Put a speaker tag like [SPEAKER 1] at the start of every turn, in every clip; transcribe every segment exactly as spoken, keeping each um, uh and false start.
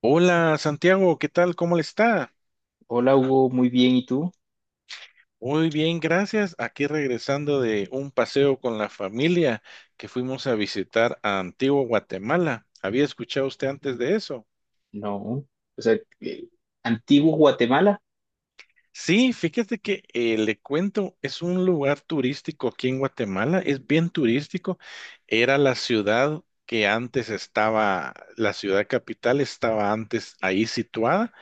[SPEAKER 1] Hola Santiago, ¿qué tal? ¿Cómo le está?
[SPEAKER 2] Hola Hugo, muy bien, ¿y tú?
[SPEAKER 1] Muy bien, gracias. Aquí regresando de un paseo con la familia que fuimos a visitar a Antigua Guatemala. ¿Había escuchado usted antes de eso?
[SPEAKER 2] No, o sea, eh, antiguo Guatemala.
[SPEAKER 1] Sí, fíjate que eh, le cuento, es un lugar turístico aquí en Guatemala, es bien turístico. Era la ciudad que antes estaba, la ciudad capital estaba antes ahí situada,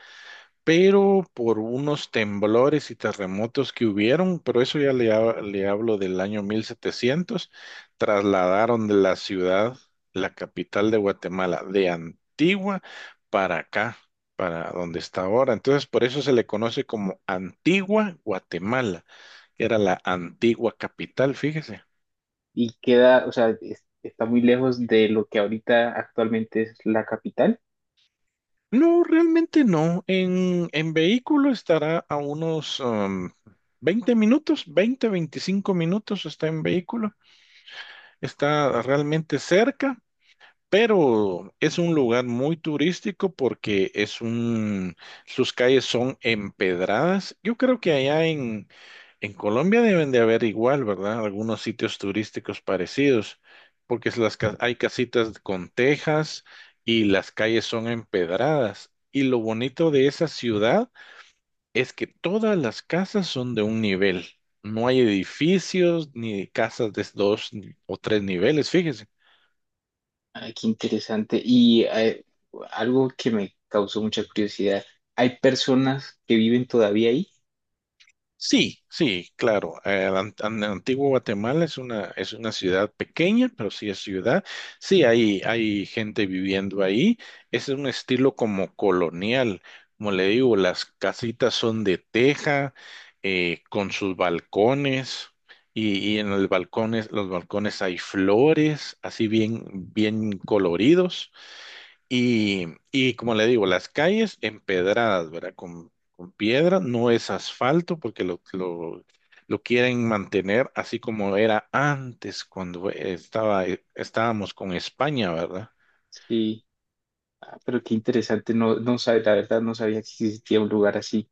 [SPEAKER 1] pero por unos temblores y terremotos que hubieron, pero eso ya le, ha- le hablo del año mil setecientos, trasladaron de la ciudad, la capital de Guatemala, de Antigua para acá, para donde está ahora. Entonces, por eso se le conoce como Antigua Guatemala, que era la antigua capital, fíjese.
[SPEAKER 2] Y queda, o sea, es- está muy lejos de lo que ahorita actualmente es la capital.
[SPEAKER 1] No, realmente no. En, en vehículo estará a unos um, veinte minutos, veinte, veinticinco minutos está en vehículo. Está realmente cerca, pero es un lugar muy turístico porque es un, sus calles son empedradas. Yo creo que allá en, en Colombia deben de haber igual, ¿verdad? Algunos sitios turísticos parecidos, porque es las, ca- hay casitas con tejas y las calles son empedradas. Y lo bonito de esa ciudad es que todas las casas son de un nivel. No hay edificios ni casas de dos o tres niveles, fíjese.
[SPEAKER 2] Ay, qué interesante. Y eh, algo que me causó mucha curiosidad, ¿hay personas que viven todavía ahí?
[SPEAKER 1] Sí, sí, claro. El an- an- antiguo Guatemala es una, es una ciudad pequeña, pero sí es ciudad. Sí, hay, hay gente viviendo ahí. Ese es un estilo como colonial. Como le digo, las casitas son de teja, eh, con sus balcones, y, y en los balcones, los balcones hay flores, así bien, bien coloridos. Y y como le digo, las calles empedradas, ¿verdad? Con, con piedra, no es asfalto porque lo, lo, lo quieren mantener así como era antes cuando estaba, estábamos con España, ¿verdad?
[SPEAKER 2] Sí. Ah, pero qué interesante, no, no sabe, la verdad no sabía que existía un lugar así.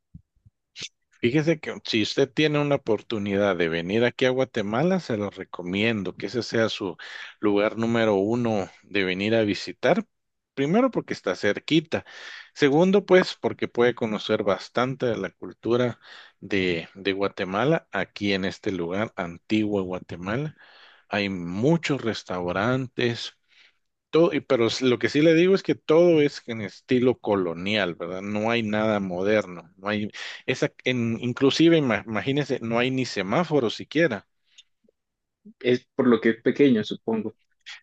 [SPEAKER 1] Fíjese que si usted tiene una oportunidad de venir aquí a Guatemala, se lo recomiendo que ese sea su lugar número uno de venir a visitar. Primero porque está cerquita. Segundo, pues porque puede conocer bastante de la cultura de, de Guatemala aquí en este lugar, Antigua Guatemala. Hay muchos restaurantes, todo, y- pero s- lo que sí le digo es que todo es en estilo colonial, ¿verdad? No hay nada moderno, no hay esa, en, inclusive ima- imagínense, no hay ni semáforos siquiera.
[SPEAKER 2] Es por lo que es pequeño, supongo.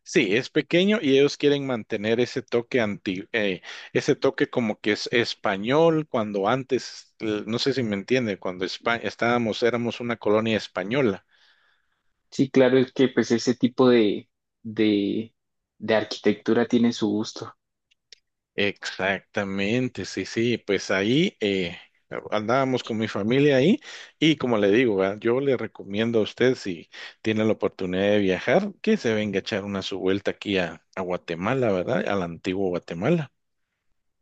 [SPEAKER 1] Sí, es pequeño y ellos quieren mantener ese toque anti, eh, ese toque como que es español cuando antes, eh, no sé si me entiende, cuando Espa- estábamos, éramos una colonia española.
[SPEAKER 2] Sí, claro, es que pues ese tipo de, de, de arquitectura tiene su gusto.
[SPEAKER 1] Exactamente, sí, sí, pues ahí eh, andábamos con mi familia ahí y como le digo, ¿verdad? Yo le recomiendo a usted si tiene la oportunidad de viajar que se venga a echar una su vuelta aquí a, a Guatemala, ¿verdad? Al antiguo Guatemala.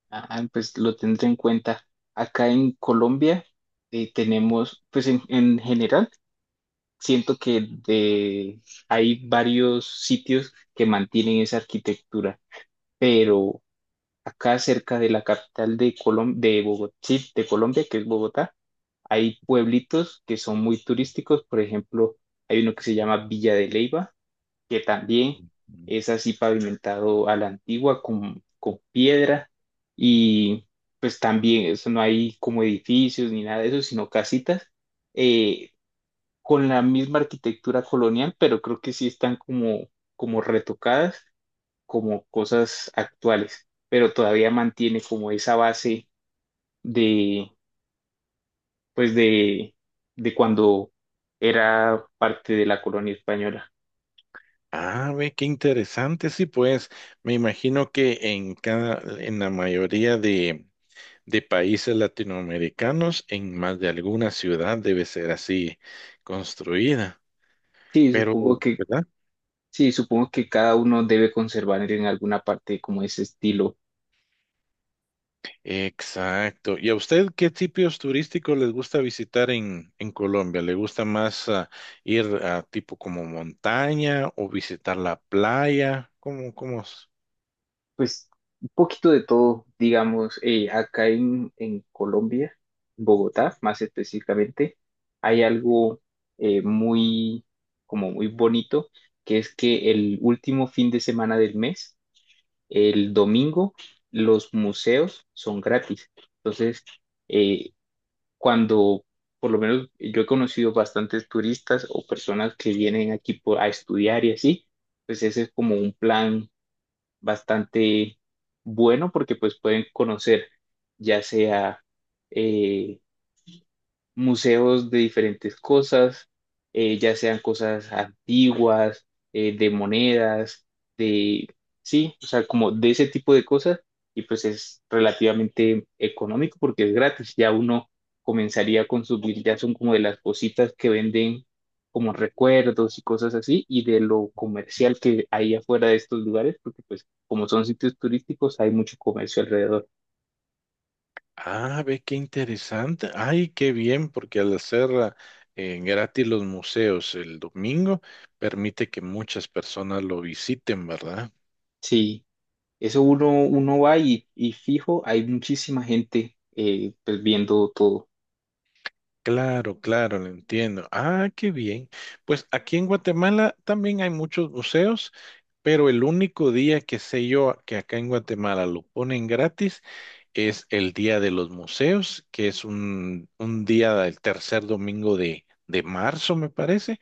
[SPEAKER 2] Ajá, pues lo tendré en cuenta. Acá en Colombia eh, tenemos, pues en, en general, siento que de, hay varios sitios que mantienen esa arquitectura, pero acá cerca de la capital de Colom- de Bogotá, de Colombia, que es Bogotá, hay pueblitos que son muy turísticos. Por ejemplo, hay uno que se llama Villa de Leyva, que también
[SPEAKER 1] Ujú.
[SPEAKER 2] es así pavimentado a la antigua con, con piedra, y pues también eso no hay como edificios ni nada de eso, sino casitas eh, con la misma arquitectura colonial, pero creo que sí están como, como retocadas como cosas actuales, pero todavía mantiene como esa base de pues de, de cuando era parte de la colonia española.
[SPEAKER 1] Ah, ve, qué interesante, sí, pues me imagino que en cada, en la mayoría de, de países latinoamericanos, en más de alguna ciudad debe ser así construida,
[SPEAKER 2] Sí,
[SPEAKER 1] pero,
[SPEAKER 2] supongo que
[SPEAKER 1] ¿verdad?
[SPEAKER 2] sí, supongo que cada uno debe conservar en alguna parte como ese estilo.
[SPEAKER 1] Exacto. ¿Y a usted qué tipos turísticos les gusta visitar en, en Colombia? ¿Le gusta más ah, ir a tipo como montaña o visitar la playa? ¿Cómo, cómo es?
[SPEAKER 2] Pues un poquito de todo, digamos, eh, acá en, en Colombia, en Bogotá más específicamente, hay algo eh, muy, como muy bonito, que es que el último fin de semana del mes, el domingo, los museos son gratis. Entonces, eh, cuando, por lo menos yo he conocido bastantes turistas o personas que vienen aquí por- a estudiar y así, pues ese es como un plan bastante bueno porque pues pueden conocer, ya sea eh, museos de diferentes cosas, eh, ya sean cosas antiguas, eh, de monedas, de, sí, o sea, como de ese tipo de cosas, y pues es relativamente económico porque es gratis. Ya uno comenzaría a consumir, ya son como de las cositas que venden como recuerdos y cosas así, y de lo comercial que hay afuera de estos lugares, porque pues como son sitios turísticos, hay mucho comercio alrededor.
[SPEAKER 1] Ah, ve qué interesante. Ay, qué bien, porque al hacer ah, eh, gratis los museos el domingo, permite que muchas personas lo visiten, ¿verdad?
[SPEAKER 2] Sí. Eso uno, uno va y, y fijo, hay muchísima gente eh, pues viendo todo.
[SPEAKER 1] Claro, claro, lo entiendo. Ah, qué bien. Pues aquí en Guatemala también hay muchos museos, pero el único día que sé yo que acá en Guatemala lo ponen gratis es el Día de los Museos, que es un, un día del tercer domingo de, de marzo, me parece.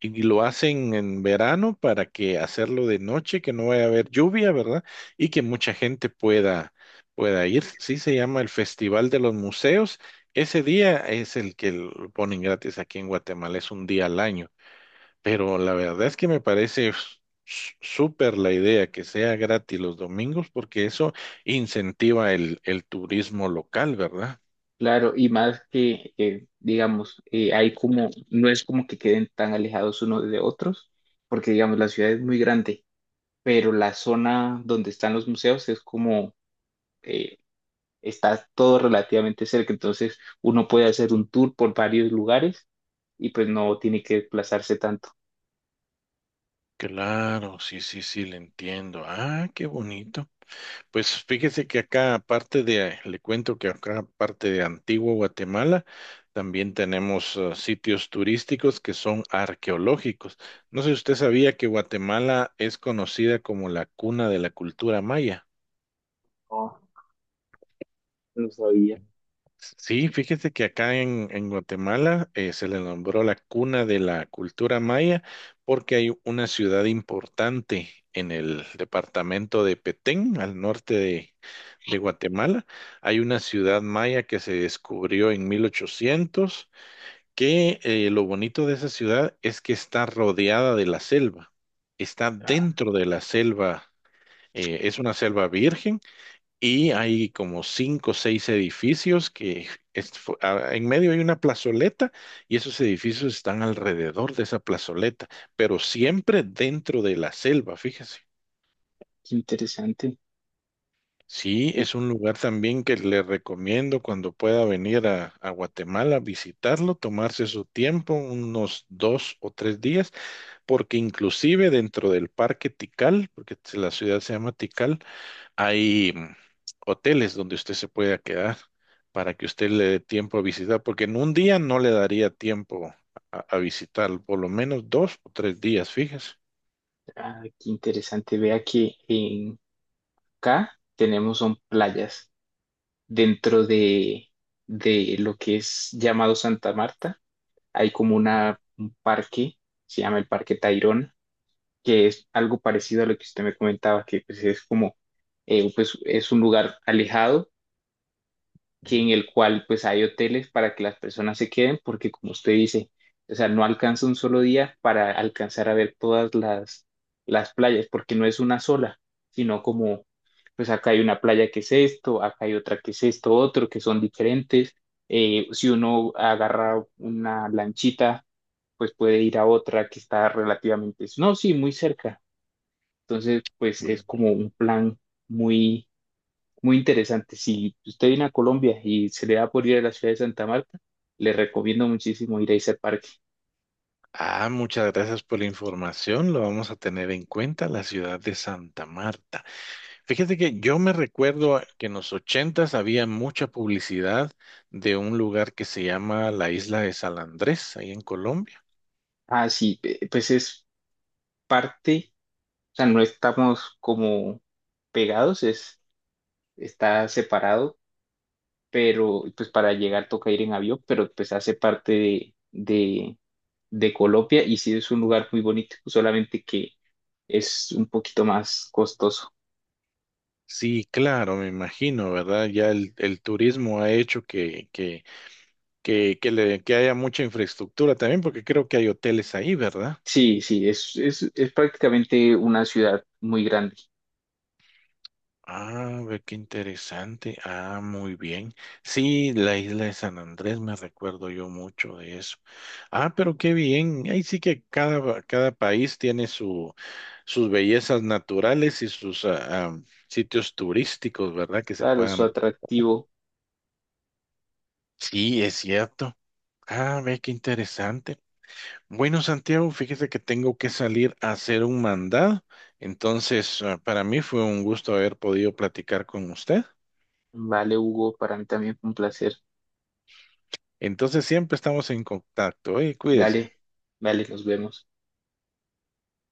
[SPEAKER 1] Y lo hacen en verano para que hacerlo de noche, que no vaya a haber lluvia, ¿verdad? Y que mucha gente pueda, pueda ir. Sí, se llama el Festival de los Museos. Ese día es el que lo ponen gratis aquí en Guatemala, es un día al año. Pero la verdad es que me parece s- s- súper la idea que sea gratis los domingos, porque eso incentiva el, el turismo local, ¿verdad?
[SPEAKER 2] Claro, y más que, eh, digamos, eh, hay como, no es como que queden tan alejados unos de otros, porque digamos, la ciudad es muy grande, pero la zona donde están los museos es como, eh, está todo relativamente cerca. Entonces uno puede hacer un tour por varios lugares y pues no tiene que desplazarse tanto.
[SPEAKER 1] Claro, sí, sí, sí, le entiendo. Ah, qué bonito. Pues fíjese que acá, aparte de, le cuento que acá, aparte de Antigua Guatemala, también tenemos eh, sitios turísticos que son arqueológicos. No sé si usted sabía que Guatemala es conocida como la cuna de la cultura maya.
[SPEAKER 2] No, no sabía.
[SPEAKER 1] Sí, fíjese que acá en, en Guatemala eh, se le nombró la cuna de la cultura maya porque hay una ciudad importante en el departamento de Petén, al norte de, de Guatemala. Hay una ciudad maya que se descubrió en mil ochocientos, que eh, lo bonito de esa ciudad es que está rodeada de la selva, está dentro de la selva, eh, es una selva virgen y hay como cinco o seis edificios que es- fu- a- en medio hay una plazoleta y esos edificios están alrededor de esa plazoleta, pero siempre dentro de la selva, fíjese.
[SPEAKER 2] Qué interesante.
[SPEAKER 1] Sí, es un lugar también que le recomiendo cuando pueda venir a, a Guatemala visitarlo, tomarse su tiempo, unos dos o tres días, porque inclusive dentro del Parque Tikal, porque la ciudad se llama Tikal, hay mm, hoteles donde usted se pueda quedar para que usted le dé tiempo a visitar, porque en un día no le daría tiempo a, a visitar, por lo menos dos o tres días, fíjese.
[SPEAKER 2] Ah, qué interesante. Vea que en K tenemos son playas. Dentro de, de lo que es llamado Santa Marta, hay como una, un parque, se llama el Parque Tayrona, que es algo parecido a lo que usted me comentaba, que pues, es como, eh, pues, es un lugar alejado, que
[SPEAKER 1] Ujú.
[SPEAKER 2] en el cual pues hay hoteles para que las personas se queden, porque como usted dice, o sea, no alcanza un solo día para alcanzar a ver todas las, las playas, porque no es una sola, sino como, pues acá hay una playa que es esto, acá hay otra que es esto, otro, que son diferentes. Eh, si uno agarra una lanchita, pues puede ir a otra que está relativamente, no, sí, muy cerca. Entonces, pues es como un plan muy muy interesante. Si usted viene a Colombia y se le da por ir a la ciudad de Santa Marta, le recomiendo muchísimo ir a ese parque.
[SPEAKER 1] Ah, muchas gracias por la información. Lo vamos a tener en cuenta, la ciudad de Santa Marta. Fíjate que yo me recuerdo a- que en los ochentas había mucha publicidad de un lugar que se llama la Isla de San Andrés, ahí en Colombia.
[SPEAKER 2] Ah, sí, eh, pues es parte, o sea, no estamos como pegados, es, está separado, pero pues para llegar toca ir en avión, pero pues hace parte de, de, de Colombia, y sí es un lugar muy bonito, solamente que es un poquito más costoso.
[SPEAKER 1] Sí, claro, me imagino, ¿verdad? Ya el, el turismo ha hecho que, que, que, que, le, que haya mucha infraestructura también, porque creo que hay hoteles ahí, ¿verdad?
[SPEAKER 2] Sí, sí, es, es, es prácticamente una ciudad muy grande.
[SPEAKER 1] Ah, ve qué interesante. Ah, muy bien. Sí, la isla de San Andrés, me recuerdo yo mucho de eso. Ah, pero qué bien. Ahí sí que cada, cada país tiene su, sus bellezas naturales y sus ah, ah, sitios turísticos, ¿verdad? Que se
[SPEAKER 2] Claro, su
[SPEAKER 1] puedan.
[SPEAKER 2] atractivo.
[SPEAKER 1] Sí, es cierto. Ah, ve qué interesante. Bueno, Santiago, fíjese que tengo que salir a hacer un mandado. Entonces, ah, para mí fue un gusto haber podido platicar con usted.
[SPEAKER 2] Vale, Hugo, para mí también fue un placer.
[SPEAKER 1] Entonces, siempre estamos en contacto, ¿eh? Cuídese.
[SPEAKER 2] Dale, dale, nos vemos.